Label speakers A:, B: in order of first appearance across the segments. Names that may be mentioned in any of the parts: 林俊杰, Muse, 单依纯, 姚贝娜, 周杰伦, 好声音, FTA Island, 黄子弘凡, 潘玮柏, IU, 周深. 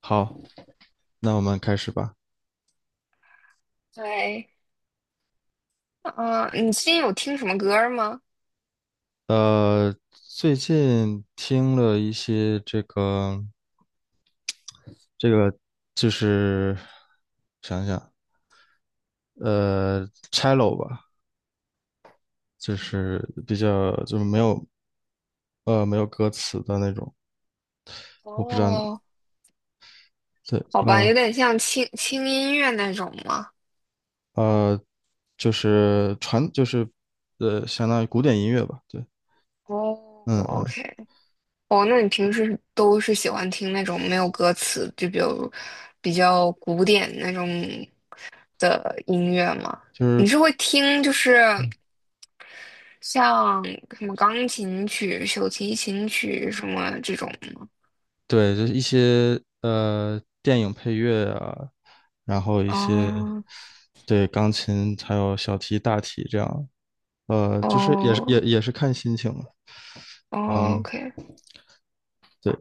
A: 好，那我们开始吧。
B: 对，嗯、你最近有听什么歌儿吗？
A: 最近听了一些这个，就是想想，呃，cello 吧，就是没有没有歌词的那种，我不知道，
B: 哦，
A: 对，
B: 好吧，有点像轻轻音乐那种吗？
A: 呃，就是传就是呃相当于古典音乐吧，对，
B: 哦
A: 嗯嗯，
B: ，OK，哦，那你平时都是喜欢听那种没有歌词，就比如比较古典那种的音乐吗？
A: 就是
B: 你是会听就是像什么钢琴曲、小提琴曲什么这种吗？
A: 对，就是一些电影配乐啊，然后一些对钢琴还有小提、大提这样，
B: 哦，
A: 就是也是也
B: 哦
A: 也是看心情了，
B: 哦
A: 嗯，
B: ，OK。
A: 对。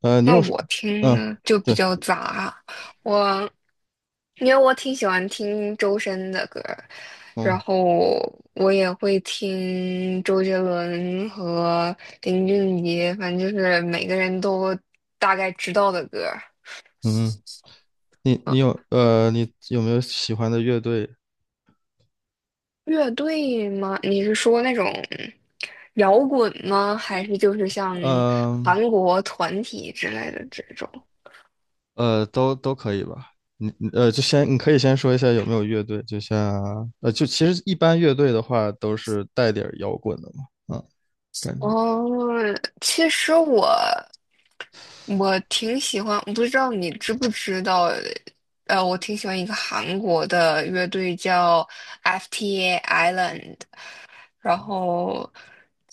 A: 呃，你
B: 那
A: 有什，
B: 我听
A: 嗯，
B: 呢就比
A: 对，
B: 较杂，我因为我挺喜欢听周深的歌儿，然
A: 嗯
B: 后我也会听周杰伦和林俊杰，反正就是每个人都大概知道的歌儿。
A: 嗯，
B: 啊，
A: 你有没有喜欢的乐队？
B: 乐队吗？你是说那种摇滚吗？还是就是像
A: 嗯
B: 韩国团体之类的这种？
A: 都可以吧。你你呃，就先你可以先说一下有没有乐队，就像就其实一般乐队的话都是带点儿摇滚的嘛，嗯，感觉。
B: 哦，其实我。我挺喜欢，我不知道你知不知道，我挺喜欢一个韩国的乐队叫 FTA Island，然后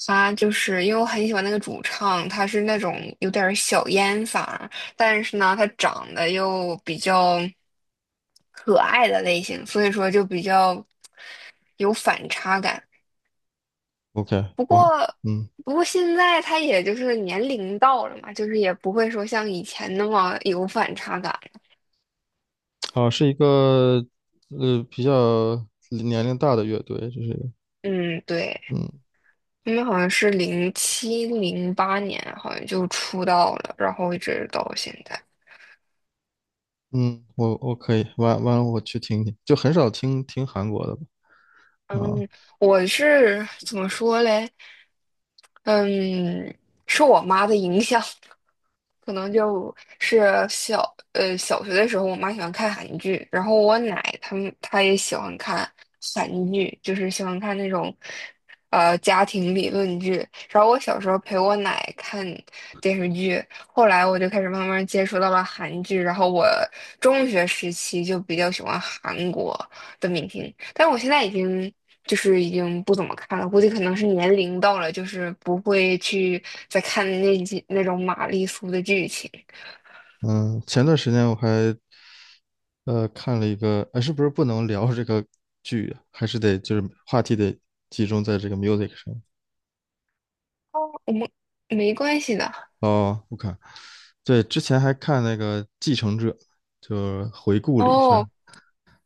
B: 他就是因为我很喜欢那个主唱，他是那种有点儿小烟嗓儿，但是呢，他长得又比较可爱的类型，所以说就比较有反差感。
A: OK，
B: 不
A: 我还
B: 过，
A: 嗯，
B: 不过现在他也就是年龄到了嘛，就是也不会说像以前那么有反差感。
A: 好，是一个比较年龄大的乐队，就是
B: 嗯，对，
A: 嗯
B: 因为好像是07、08年，好像就出道了，然后一直到现在。
A: 嗯，我可以完了我去听听，就很少听韩国的吧啊。
B: 我是怎么说嘞？嗯，受我妈的影响，可能就是小学的时候，我妈喜欢看韩剧，然后我奶他们她也喜欢看韩剧，就是喜欢看那种家庭理论剧。然后我小时候陪我奶看电视剧，后来我就开始慢慢接触到了韩剧，然后我中学时期就比较喜欢韩国的明星，但我现在已经不怎么看了，估计可能是年龄到了，就是不会去再看那种玛丽苏的剧情。
A: 嗯，前段时间我还看了一个，哎，是不是不能聊这个剧啊，还是得就是话题得集中在这个 music 上。
B: 哦，我们没关系的。
A: 哦，我看对，之前还看那个《继承者》，就回顾了一下，
B: 哦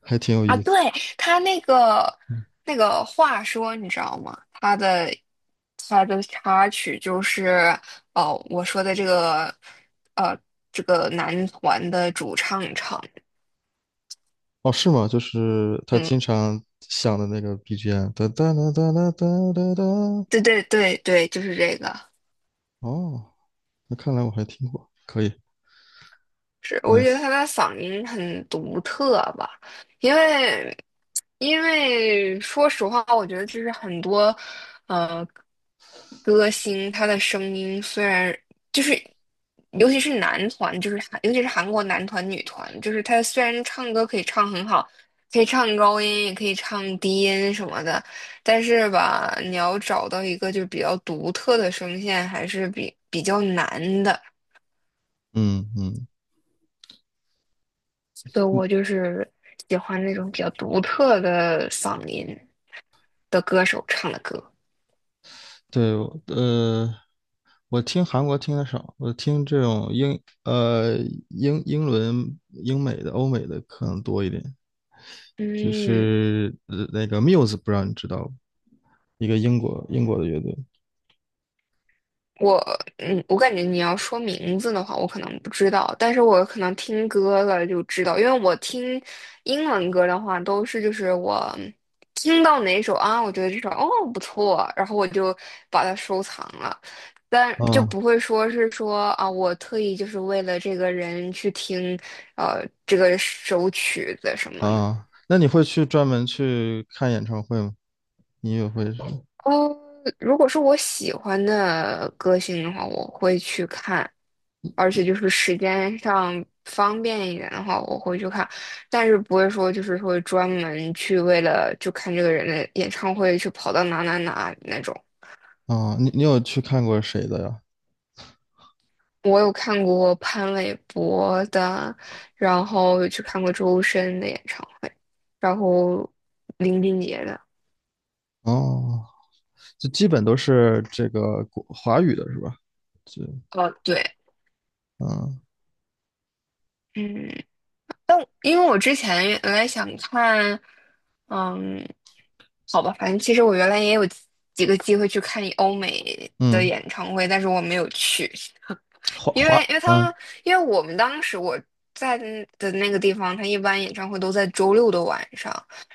A: 还挺有
B: 啊，
A: 意
B: 对，
A: 思。
B: 他那个话说，你知道吗？他的插曲就是哦，我说的这个呃男团的主唱唱，
A: 哦，是吗？就是他
B: 嗯，
A: 经常响的那个 BGM，哒哒哒哒哒哒哒哒。
B: 对对对对，就是这个。
A: 哦，那看来我还听过，可以
B: 是，我觉得
A: ，nice。
B: 他的嗓音很独特吧，因为说实话，我觉得就是很多呃歌星他的声音虽然就是，尤其是男团，就是尤其是韩国男团、女团，就是他虽然唱歌可以唱很好，可以唱高音，也可以唱低音什么的，但是吧，你要找到一个就比较独特的声线，还是比较难的。
A: 嗯嗯，
B: 所以我就是喜欢那种比较独特的嗓音的歌手唱的歌。
A: 对，呃，我听韩国听的少，我听这种英英伦英美的欧美的可能多一点，就
B: 嗯，
A: 是那个 Muse，不知道你知道吗，一个英国的乐队。
B: 我我感觉你要说名字的话，我可能不知道，但是我可能听歌了就知道，因为我听英文歌的话，都是就是我听到哪首啊，我觉得这首不错，然后我就把它收藏了，但就
A: 啊，
B: 不会说是说啊，我特意就是为了这个人去听这个首曲子什么的。
A: 啊，那你会去专门去看演唱会吗？你也会是。
B: 哦，如果是我喜欢的歌星的话，我会去看，而且就是时间上方便一点的话，我会去看，但是不会说就是说专门去为了就看这个人的演唱会去跑到哪哪哪那种。
A: 啊？你有去看过谁的呀？
B: 我有看过潘玮柏的，然后有去看过周深的演唱会，然后林俊杰的。
A: 哦，就基本都是这个国华语的是吧？就
B: 哦，对，
A: 嗯
B: 嗯。因为我之前原来想看，嗯，好吧，反正其实我原来也有几个机会去看欧美的
A: 嗯，
B: 演唱会，但是我没有去，因为
A: 嗯，
B: 我们当时我在的那个地方，他一般演唱会都在周六的晚上，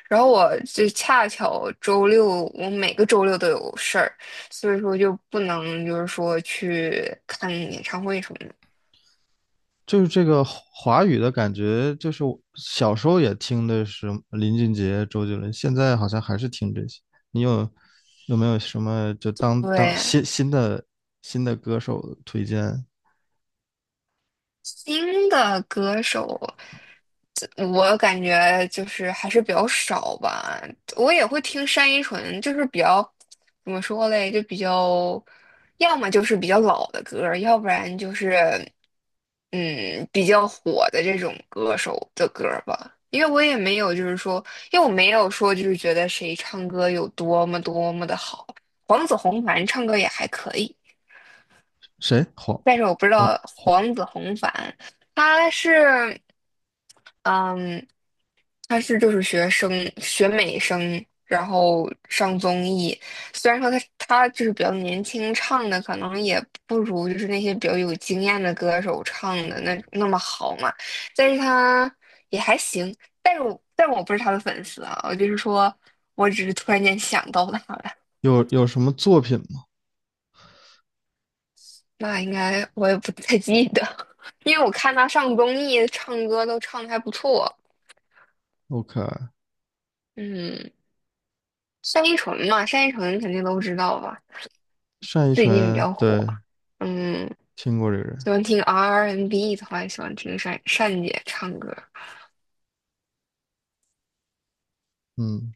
B: 然后我就恰巧周六我每个周六都有事儿，所以说就不能就是说去看演唱会什么的。
A: 就是这个华语的感觉，就是我小时候也听的是林俊杰、周杰伦，现在好像还是听这些。你有有没有什么就当
B: 对，
A: 的新的歌手推荐？
B: 新的歌手。我感觉就是还是比较少吧，我也会听单依纯，就是比较怎么说嘞，就比较，要么就是比较老的歌儿要不然就是嗯比较火的这种歌手的歌儿吧。因为我也没有就是说，因为我没有说就是觉得谁唱歌有多么多么的好，黄子弘凡唱歌也还可以，
A: 谁？黄
B: 但是我不知
A: 黄
B: 道
A: 黄
B: 黄子弘凡他是。嗯，他是就是学美声，然后上综艺。虽然说他就是比较年轻，唱的可能也不如就是那些比较有经验的歌手唱的那么好嘛，但是他也还行。但我不是他的粉丝啊，我就是说我只是突然间想到他了。
A: 有有什么作品吗
B: 那应该我也不太记得，因为我看他上综艺唱歌都唱的还不错。
A: ？OK，
B: 嗯，单依纯嘛，单依纯肯定都知道吧。
A: 单依
B: 最近比
A: 纯，
B: 较火，
A: 对，
B: 嗯，
A: 听过这个人。
B: 喜欢听 R&B N 的话，也喜欢听单单姐唱歌。
A: 嗯，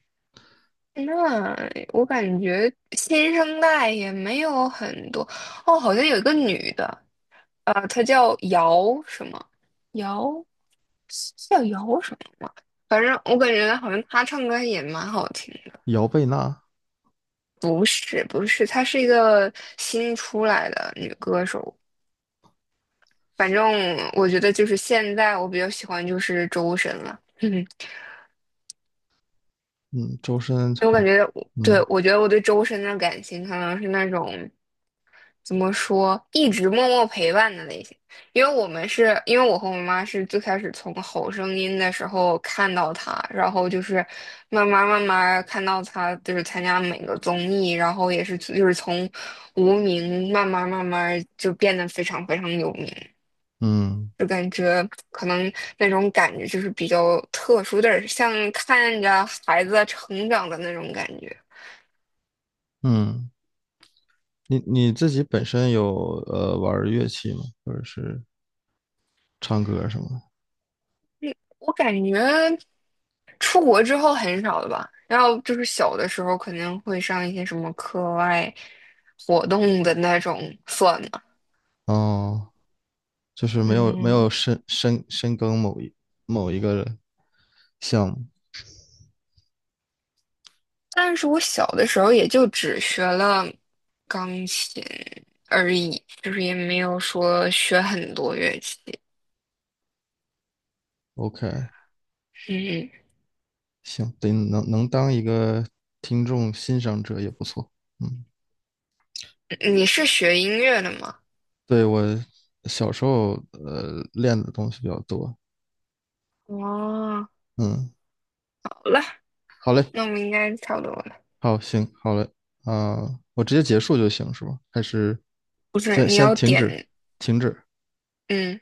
B: 那我感觉新生代也没有很多哦，好像有一个女的，她叫姚什么？姚叫姚什么吗？反正我感觉好像她唱歌也蛮好听的。
A: 姚贝娜。
B: 不是不是，她是一个新出来的女歌手。反正我觉得就是现在我比较喜欢就是周深了。
A: 嗯，周深
B: 我
A: 还，
B: 感觉我，对，
A: 嗯
B: 我觉得我对周深的感情可能是那种怎么说，一直默默陪伴的类型。因为我和我妈是最开始从《好声音》的时候看到他，然后就是慢慢慢慢看到他，就是参加每个综艺，然后也是就是从无名慢慢慢慢就变得非常非常有名，
A: 嗯
B: 就感觉可能那种感觉就是比较特殊，有点儿像看着孩子成长的那种感觉。
A: 嗯，你自己本身有玩儿乐器吗？或者是唱歌什么的？
B: 我感觉出国之后很少了吧，然后就是小的时候肯定会上一些什么课外活动的那种算了，
A: 哦，就是没有没有
B: 嗯，
A: 深耕某一某一个项目。
B: 但是我小的时候也就只学了钢琴而已，就是也没有说学很多乐器。
A: OK，
B: 嗯，
A: 行，得能当一个听众欣赏者也不错，嗯。
B: 你是学音乐的吗？
A: 对，我小时候练的东西比较多。
B: 哦，
A: 嗯，
B: 好了，
A: 好嘞，
B: 那我们应该差不多了。
A: 好，行，好嘞，啊、我直接结束就行是吧？还是
B: 不是，
A: 先
B: 你
A: 先
B: 要
A: 停止，
B: 点，
A: 停止？
B: 嗯。